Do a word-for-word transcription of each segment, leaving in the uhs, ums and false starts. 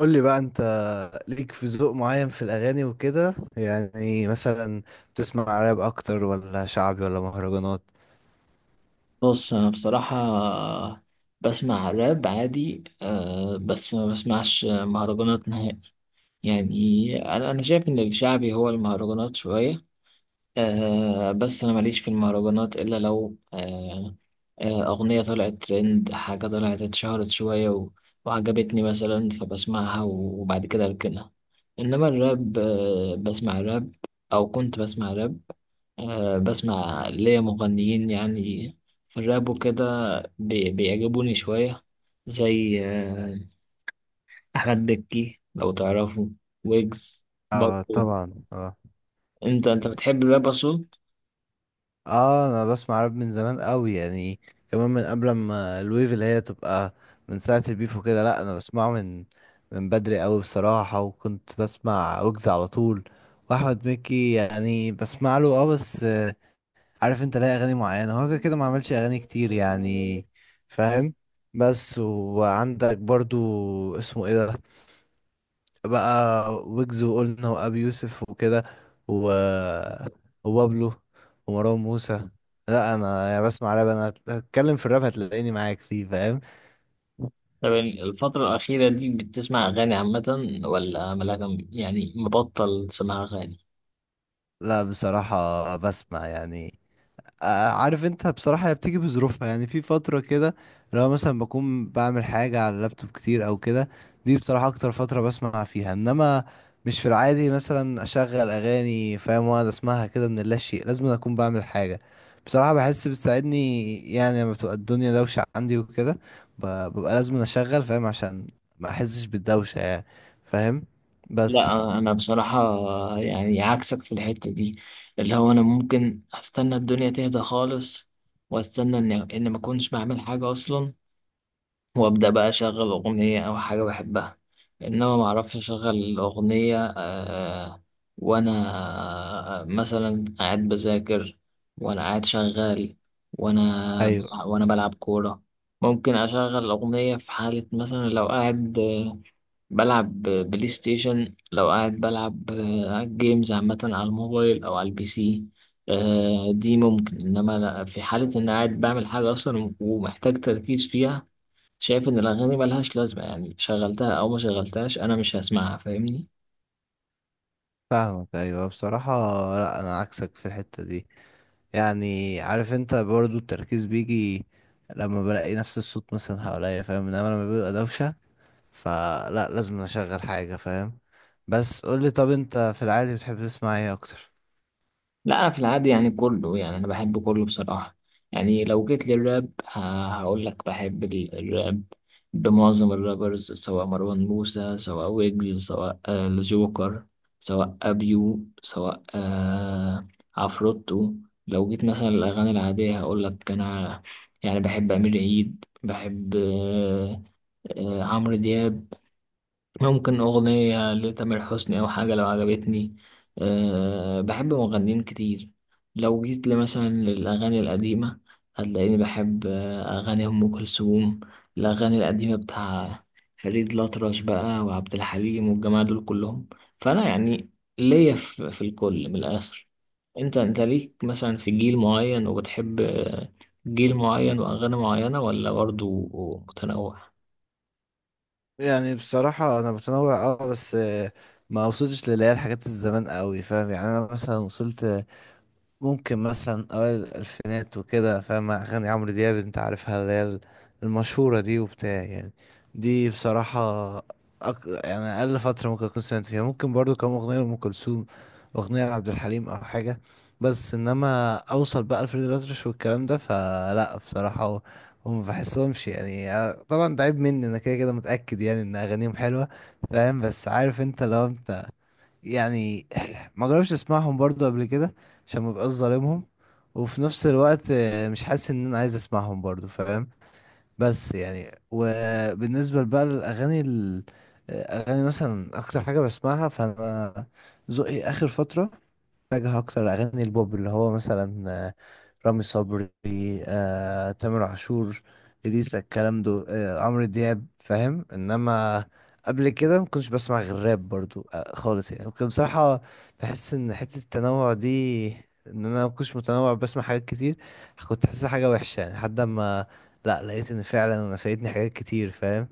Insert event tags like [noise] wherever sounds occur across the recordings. قول لي بقى انت، ليك في ذوق معين في الاغاني وكده يعني؟ مثلا بتسمع راب اكتر ولا شعبي ولا مهرجانات؟ بص، انا بصراحة بسمع راب عادي أه، بس ما بسمعش مهرجانات نهائي. يعني انا انا شايف ان الشعبي هو المهرجانات شوية. آه بس أنا ماليش في المهرجانات إلا لو آه آه أغنية طلعت ترند، حاجة طلعت اتشهرت شوية و- وعجبتني مثلا، فبسمعها وبعد كده أركنها. إنما الراب آه بسمع راب، أو كنت بسمع راب. آه بسمع ليا مغنيين يعني في الراب وكده بي- بيعجبوني شوية، زي آه، أحمد بكي لو تعرفه، ويجز، اه، بابلو. طبعا. اه. أنت أنت بتحب الراب أصلا؟ اه انا بسمع راب من زمان قوي يعني، كمان من قبل ما الويف اللي هي تبقى، من ساعة البيف وكده. لا، انا بسمعه من من بدري قوي بصراحة، وكنت بسمع ويجز على طول واحمد مكي. يعني بسمع له، اه بس عارف انت ليه اغاني معينه، هو كده كده ما عملش اغاني كتير يعني. فاهم؟ بس، وعندك برضو، اسمه ايه ده بقى، ويجز وقلنا وابي يوسف وكده، و... وبابلو، ومروان موسى. لا انا يعني بسمع راب، انا هتكلم في الراب هتلاقيني معاك فيه، فاهم؟ طب الفترة الأخيرة دي بتسمع أغاني عامة ولا ملاك؟ يعني مبطل تسمع أغاني؟ لا، بصراحه بسمع يعني. آه، عارف انت، بصراحة هي بتيجي بظروفها. يعني في فترة كده، لو مثلا بكون بعمل حاجة على اللابتوب كتير او كده، دي بصراحة اكتر فترة بسمع فيها. انما مش في العادي مثلا اشغل اغاني، فاهم؟ واقعد اسمعها كده من لا شيء. لازم اكون بعمل حاجة. بصراحة بحس بتساعدني، يعني لما بتبقى الدنيا دوشة عندي وكده، ب- ببقى لازم اشغل، فاهم؟ عشان ما احسش بالدوشة يعني. فاهم؟ بس. لا أنا بصراحة يعني عكسك في الحتة دي، اللي هو أنا ممكن أستنى الدنيا تهدى خالص وأستنى إن إن ما أكونش بعمل حاجة أصلا، وابدا بقى اشغل اغنيه او حاجه بحبها. انما ما اعرفش اشغل اغنيه آه، وانا آه، مثلا قاعد بذاكر، وانا قاعد شغال، وانا ايوه، وانا بلعب كوره، ممكن اشغل اغنيه. في حاله مثلا لو قاعد آه، بلعب بلاي ستيشن، لو قاعد بلعب آه، جيمز عامه على الموبايل او على البي سي، آه، دي ممكن. انما لا- في حاله ان قاعد بعمل حاجه اصلا ومحتاج تركيز فيها، شايف ان الاغاني ملهاش لازمه يعني، شغلتها او ما شغلتهاش انا مش هسمعها، فاهمني. فاهمك. ايوه بصراحة، لا انا عكسك في الحتة دي. يعني عارف انت برضو التركيز بيجي لما بلاقي نفس الصوت مثلا حواليا، فاهم؟ انما لما بيبقى دوشة فلا، لازم اشغل حاجة، فاهم؟ بس قولي، طب انت في العادي بتحب تسمع ايه اكتر؟ لا، انا في العادي يعني كله، يعني انا بحب كله بصراحه. يعني لو جيت للراب، ه- هقول لك بحب ال- الراب بمعظم الرابرز، سواء مروان موسى، سواء ويجز، سواء آه، الجوكر، سواء ابيو، سواء آه، عفروتو. لو جيت مثلا الاغاني العاديه هقول لك انا يعني بحب امير عيد، بحب آه، آه، عمرو دياب، ممكن أغنية لتامر حسني أو حاجة لو عجبتني. أه بحب مغنيين كتير. لو جيت لي مثلا للأغاني القديمة هتلاقيني بحب آه، أغاني أم كلثوم، الأغاني القديمة بتاع فريد الأطرش بقى، وعبد الحليم، والجماعة دول كلهم. فأنا يعني ليا في, في الكل من الآخر. أنت أنت ليك مثلا في جيل معين وبتحب آه، جيل معين وأغاني معينة، ولا برضه متنوع؟ يعني بصراحة انا متنوع، اه بس آه، ما وصلتش للي هي الحاجات الزمان قوي، فاهم؟ يعني انا مثلا وصلت ممكن مثلا اوائل الالفينات وكده، فاهم؟ اغاني عمرو دياب انت عارفها، اللي هي المشهوره دي وبتاع يعني. دي بصراحه أك... يعني اقل فتره ممكن اكون سمعت فيها، ممكن برضو كم اغنيه لام كلثوم، اغنيه لعبد الحليم او حاجه. بس انما اوصل بقى لفريد الأطرش والكلام ده فلا، بصراحه هو- هم ما بحسهمش يعني. آه، طبعا ده عيب مني انا، كده كده متاكد يعني ان اغانيهم حلوه، فاهم؟ بس عارف انت، لو انت يعني ما جربش اسمعهم برضو قبل كده، عشان ما بقاش ظالمهم. وفي نفس الوقت آه، مش حاسس ان انا عايز اسمعهم برضو، فاهم؟ بس يعني، وبالنسبه بقى للاغاني ال- اغاني، مثلا اكتر حاجه بسمعها فانا، ذوقي اخر فتره اتجه اكتر اغاني البوب، اللي هو مثلا رامي صبري، آه، تامر عاشور، إليسا، الكلام ده، آه، عمرو دياب، فاهم؟ انما قبل كده ما كنتش بسمع غير راب برضو، آه، خالص يعني. كنت بصراحة بحس ان حتة التنوع دي، ان انا ما كنتش متنوع بسمع حاجات كتير، كنت حاسسها حاجة وحشة، يعني لحد ما، لا لقيت ان فعلا انا فايتني حاجات كتير، فاهم؟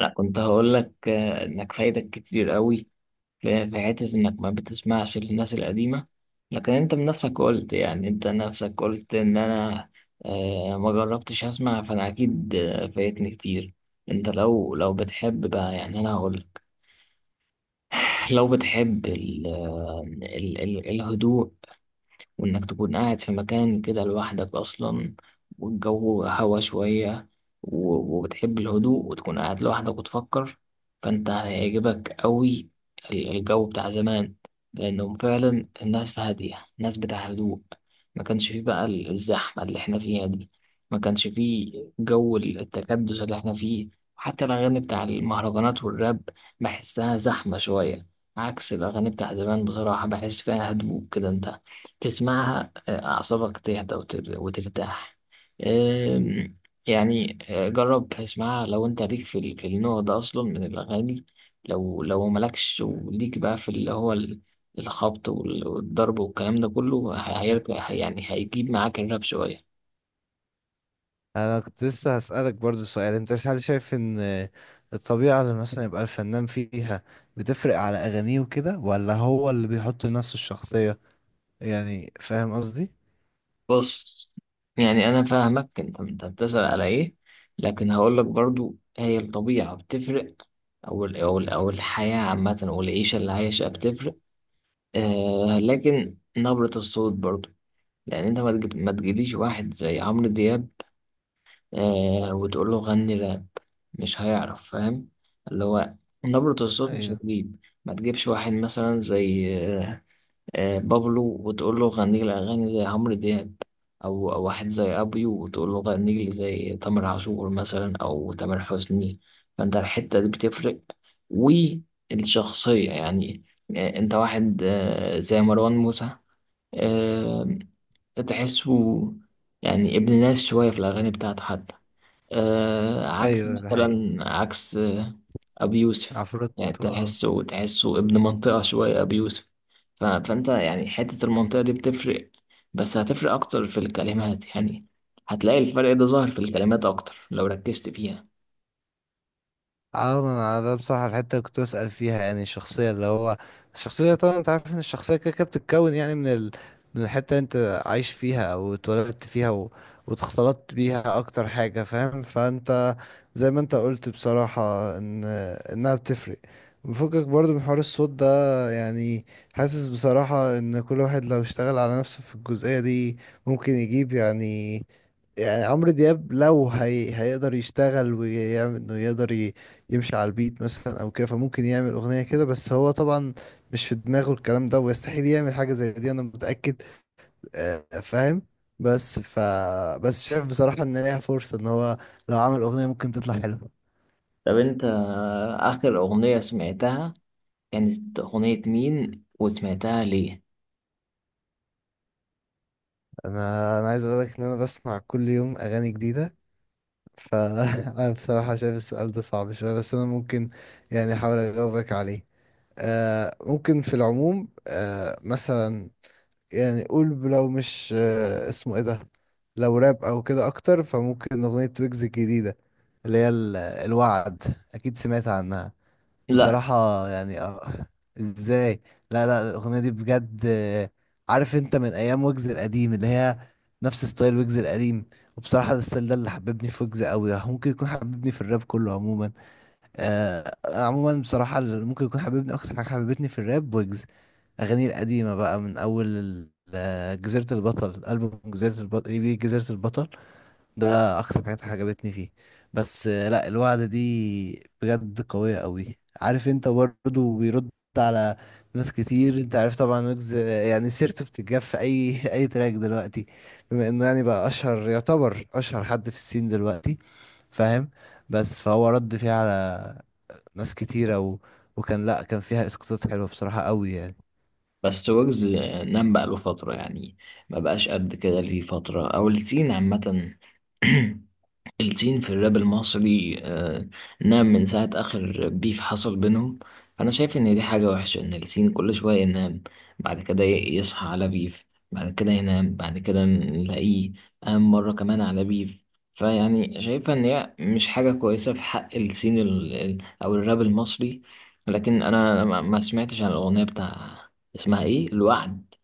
انا كنت هقول لك آه، انك فايدك كتير قوي، في في حته انك ما بتسمعش للناس القديمه. لكن انت بنفسك قلت، يعني انت نفسك قلت ان انا آه، ما جربتش اسمع، فانا اكيد آه، فايتني كتير. انت لو لو بتحب بقى يعني، انا هقول لك، [sighs] لو بتحب ال آه، ال ال الهدوء وإنك تكون قاعد في مكان كده لوحدك أصلا، والجو هوا شوية، و- وبتحب الهدوء وتكون قاعد لوحدك وتفكر، فأنت هيعجبك أوي ال- الجو بتاع زمان، لأنهم فعلا الناس هادية، الناس بتاع هدوء. ما كانش فيه بقى ال- الزحمة اللي احنا فيها دي، ما كانش فيه جو التكدس اللي احنا فيه. حتى الأغاني بتاع المهرجانات والراب بحسها زحمة شوية، عكس الأغاني بتاع زمان، بصراحة بحس فيها هدوء كده. أنت تسمعها آه، أعصابك تهدى، وتر- وترتاح. آم، يعني آه، جرب تسمعها لو أنت ليك في ال- في النوع ده أصلا من الأغاني. لو لو مالكش وليك بقى في اللي هو ال- الخبط وال- والضرب والكلام ده كله، ه- هيرجع يعني هيجيب معاك الراب شوية. انا كنت لسه هسألك برضو سؤال، انت هل شايف ان الطبيعة اللي مثلا يبقى الفنان فيها بتفرق على اغانيه وكده، ولا هو اللي بيحط لنفسه الشخصية؟ يعني فاهم قصدي؟ بص، يعني أنا فاهمك، أنت أنت بتسأل على إيه، لكن هقولك برضو هي الطبيعة بتفرق، أو ال- أو ال- أو الحياة عامة والعيشة اللي عايشها بتفرق. آه لكن نبرة الصوت برضو يعني، انت ما تجيب، ما تجيليش واحد زي عمرو دياب آه وتقول له غني راب، مش هيعرف، فاهم، اللي هو نبرة الصوت مش ايوه، هتجيب. ما تجيبش واحد مثلا زي آه آه بابلو وتقول له غني لي اغاني زي عمرو دياب، او او واحد زي ابيو وتقول له غني لي زي تامر عاشور مثلا او تامر حسني. فانت الحتة دي بتفرق، والشخصية يعني. آه انت واحد آه زي مروان موسى، آه، تحسه يعني ابن ناس شوية في الأغاني بتاعته حتى، آه، عكس ايوه، ده حقيقي. مثلا عكس آه، أبي يوسف. عفروت. يعني تحسه تحسه ابن منطقة شوية أبي يوسف. ف- فأنت يعني حتة المنطقة دي بتفرق، بس هتفرق أكتر في الكلمات يعني، هتلاقي الفرق ده ظاهر في الكلمات أكتر لو ركزت فيها. اه، ما انا ده بصراحة الحتة اللي كنت بسأل فيها، يعني الشخصية اللي هو، الشخصية طبعا انت عارف ان الشخصية كده كده بتتكون يعني من ال... من الحتة اللي انت عايش فيها او اتولدت فيها و... واتخلطت بيها، اكتر حاجة فاهم؟ فانت زي ما انت قلت بصراحة ان انها بتفرق، مفكك برضو من حوار الصوت ده يعني. حاسس بصراحة ان كل واحد لو اشتغل على نفسه في الجزئية دي ممكن يجيب يعني يعني عمرو دياب لو هي... هيقدر يشتغل ويعمل انه يقدر ي... يمشي على البيت مثلا او كده، فممكن يعمل اغنية كده. بس هو طبعا مش في دماغه الكلام ده، ويستحيل يعمل حاجة زي دي، انا متأكد. آه، فاهم؟ بس ف بس شايف بصراحة ان ليها فرصة، ان هو لو عمل اغنية ممكن تطلع حلوة. طب أنت آه، آخر أغنية سمعتها، كانت أغنية مين وسمعتها ليه؟ انا انا عايز اقول لك ان انا بسمع كل يوم اغاني جديدة، فانا [laughs] بصراحة شايف السؤال ده صعب شوية، بس انا ممكن يعني احاول اجاوبك عليه. آه، ممكن في العموم، آه مثلا يعني، قول لو مش آه، اسمه ايه ده، لو راب او كده اكتر، فممكن اغنية ويجز الجديدة، اللي هي ال- الوعد. اكيد سمعت عنها؟ لا بصراحة يعني آه، ازاي. لا لا، الاغنية دي بجد آه، عارف انت من ايام ويجز القديم، اللي هي نفس ستايل ويجز القديم. وبصراحة الستايل ده اللي حببني في ويجز قوي، ممكن يكون حببني في الراب كله عموما. آه عموما بصراحة اللي ممكن يكون حبيبني أكتر حاجة حبيبتني في الراب، ويجز أغانيه القديمة بقى من أول ال- آه، جزيرة البطل، ألبوم جزيرة البطل إي بي جزيرة البطل. ده أكتر حاجات عجبتني فيه. بس آه لأ، الوعد دي بجد قوية قوي. عارف أنت برضه بيرد على ناس كتير، أنت عارف طبعا ويجز، آه، يعني سيرته بتتجاب في أي [laughs] أي تراك دلوقتي، بما إنه يعني بقى أشهر، يعتبر أشهر حد في السين دلوقتي، فاهم؟ بس فهو رد فيه على ناس كتيرة و... وكان، لأ كان فيها اسقاطات حلوة بصراحة قوي يعني. بس ويجز نام بقاله فترة يعني، ما بقاش قد كده ليه فترة، أو السين عامة. [clears throat] السين في الراب المصري آه، نعم، من ساعة آخر بيف حصل بينهم. فأنا شايف إن دي حاجة وحشة إن السين كل شوية ينام، بعد كده ي- يصحى على بيف، بعد كده ينام، بعد كده نلاقيه قام مرة كمان على بيف. فيعني شايفها إن هي مش حاجة كويسة في حق السين ال- ال- أو الراب المصري. لكن أنا ما ما سمعتش عن الأغنية بتاع، اسمها إيه، الوعد.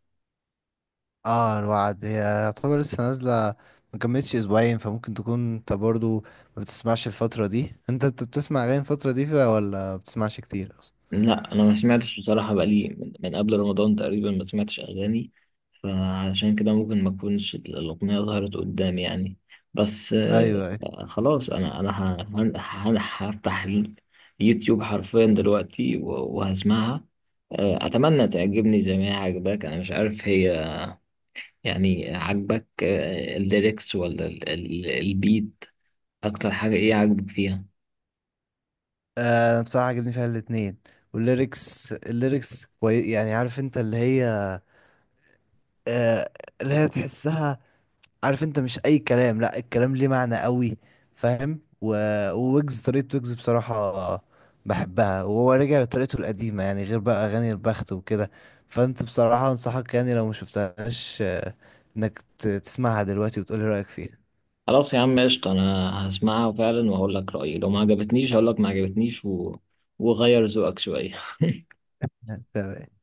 اه، الوعد هي يعتبر لسه نازلة، ما كملتش اسبوعين، فممكن تكون انت برضو ما بتسمعش الفترة دي. انت انت بتسمع اغاني الفترة دي فيها ولا ما بتسمعش كتير اصلا؟ لا انا ما سمعتش بصراحه، بقالي من, من قبل رمضان تقريبا ما سمعتش اغاني، فعشان كده ممكن ما تكونش الاغنيه ظهرت قدامي يعني. بس ايوه، ايوه. آه، خلاص انا انا ه- هن- هن- هفتح اليوتيوب حرفيا دلوقتي و- وهسمعها. آه، اتمنى تعجبني زي ما هي عجباك. انا مش عارف هي يعني عجبك آه، الليركس ولا ال- ال- البيت، اكتر حاجه ايه عجبك فيها؟ آه، بصراحة عجبني فيها الاتنين، والليركس. الليركس كوي... يعني عارف انت اللي هي آه اللي هي تحسها. عارف انت مش اي كلام، لا الكلام ليه معنى قوي، فاهم؟ و... وويجز، طريقة ويجز بصراحة بحبها، وهو رجع لطريقته القديمة يعني، غير بقى اغاني البخت وكده. فانت بصراحة انصحك يعني لو ما شفتهاش، آه، انك ت- تسمعها دلوقتي وتقولي رأيك فيها. خلاص يا عم قشطة، أنا هسمعها فعلا وهقول لك رأيي. لو ما عجبتنيش هقول لك ما عجبتنيش و... وغير ذوقك شوية. [laughs] تمام.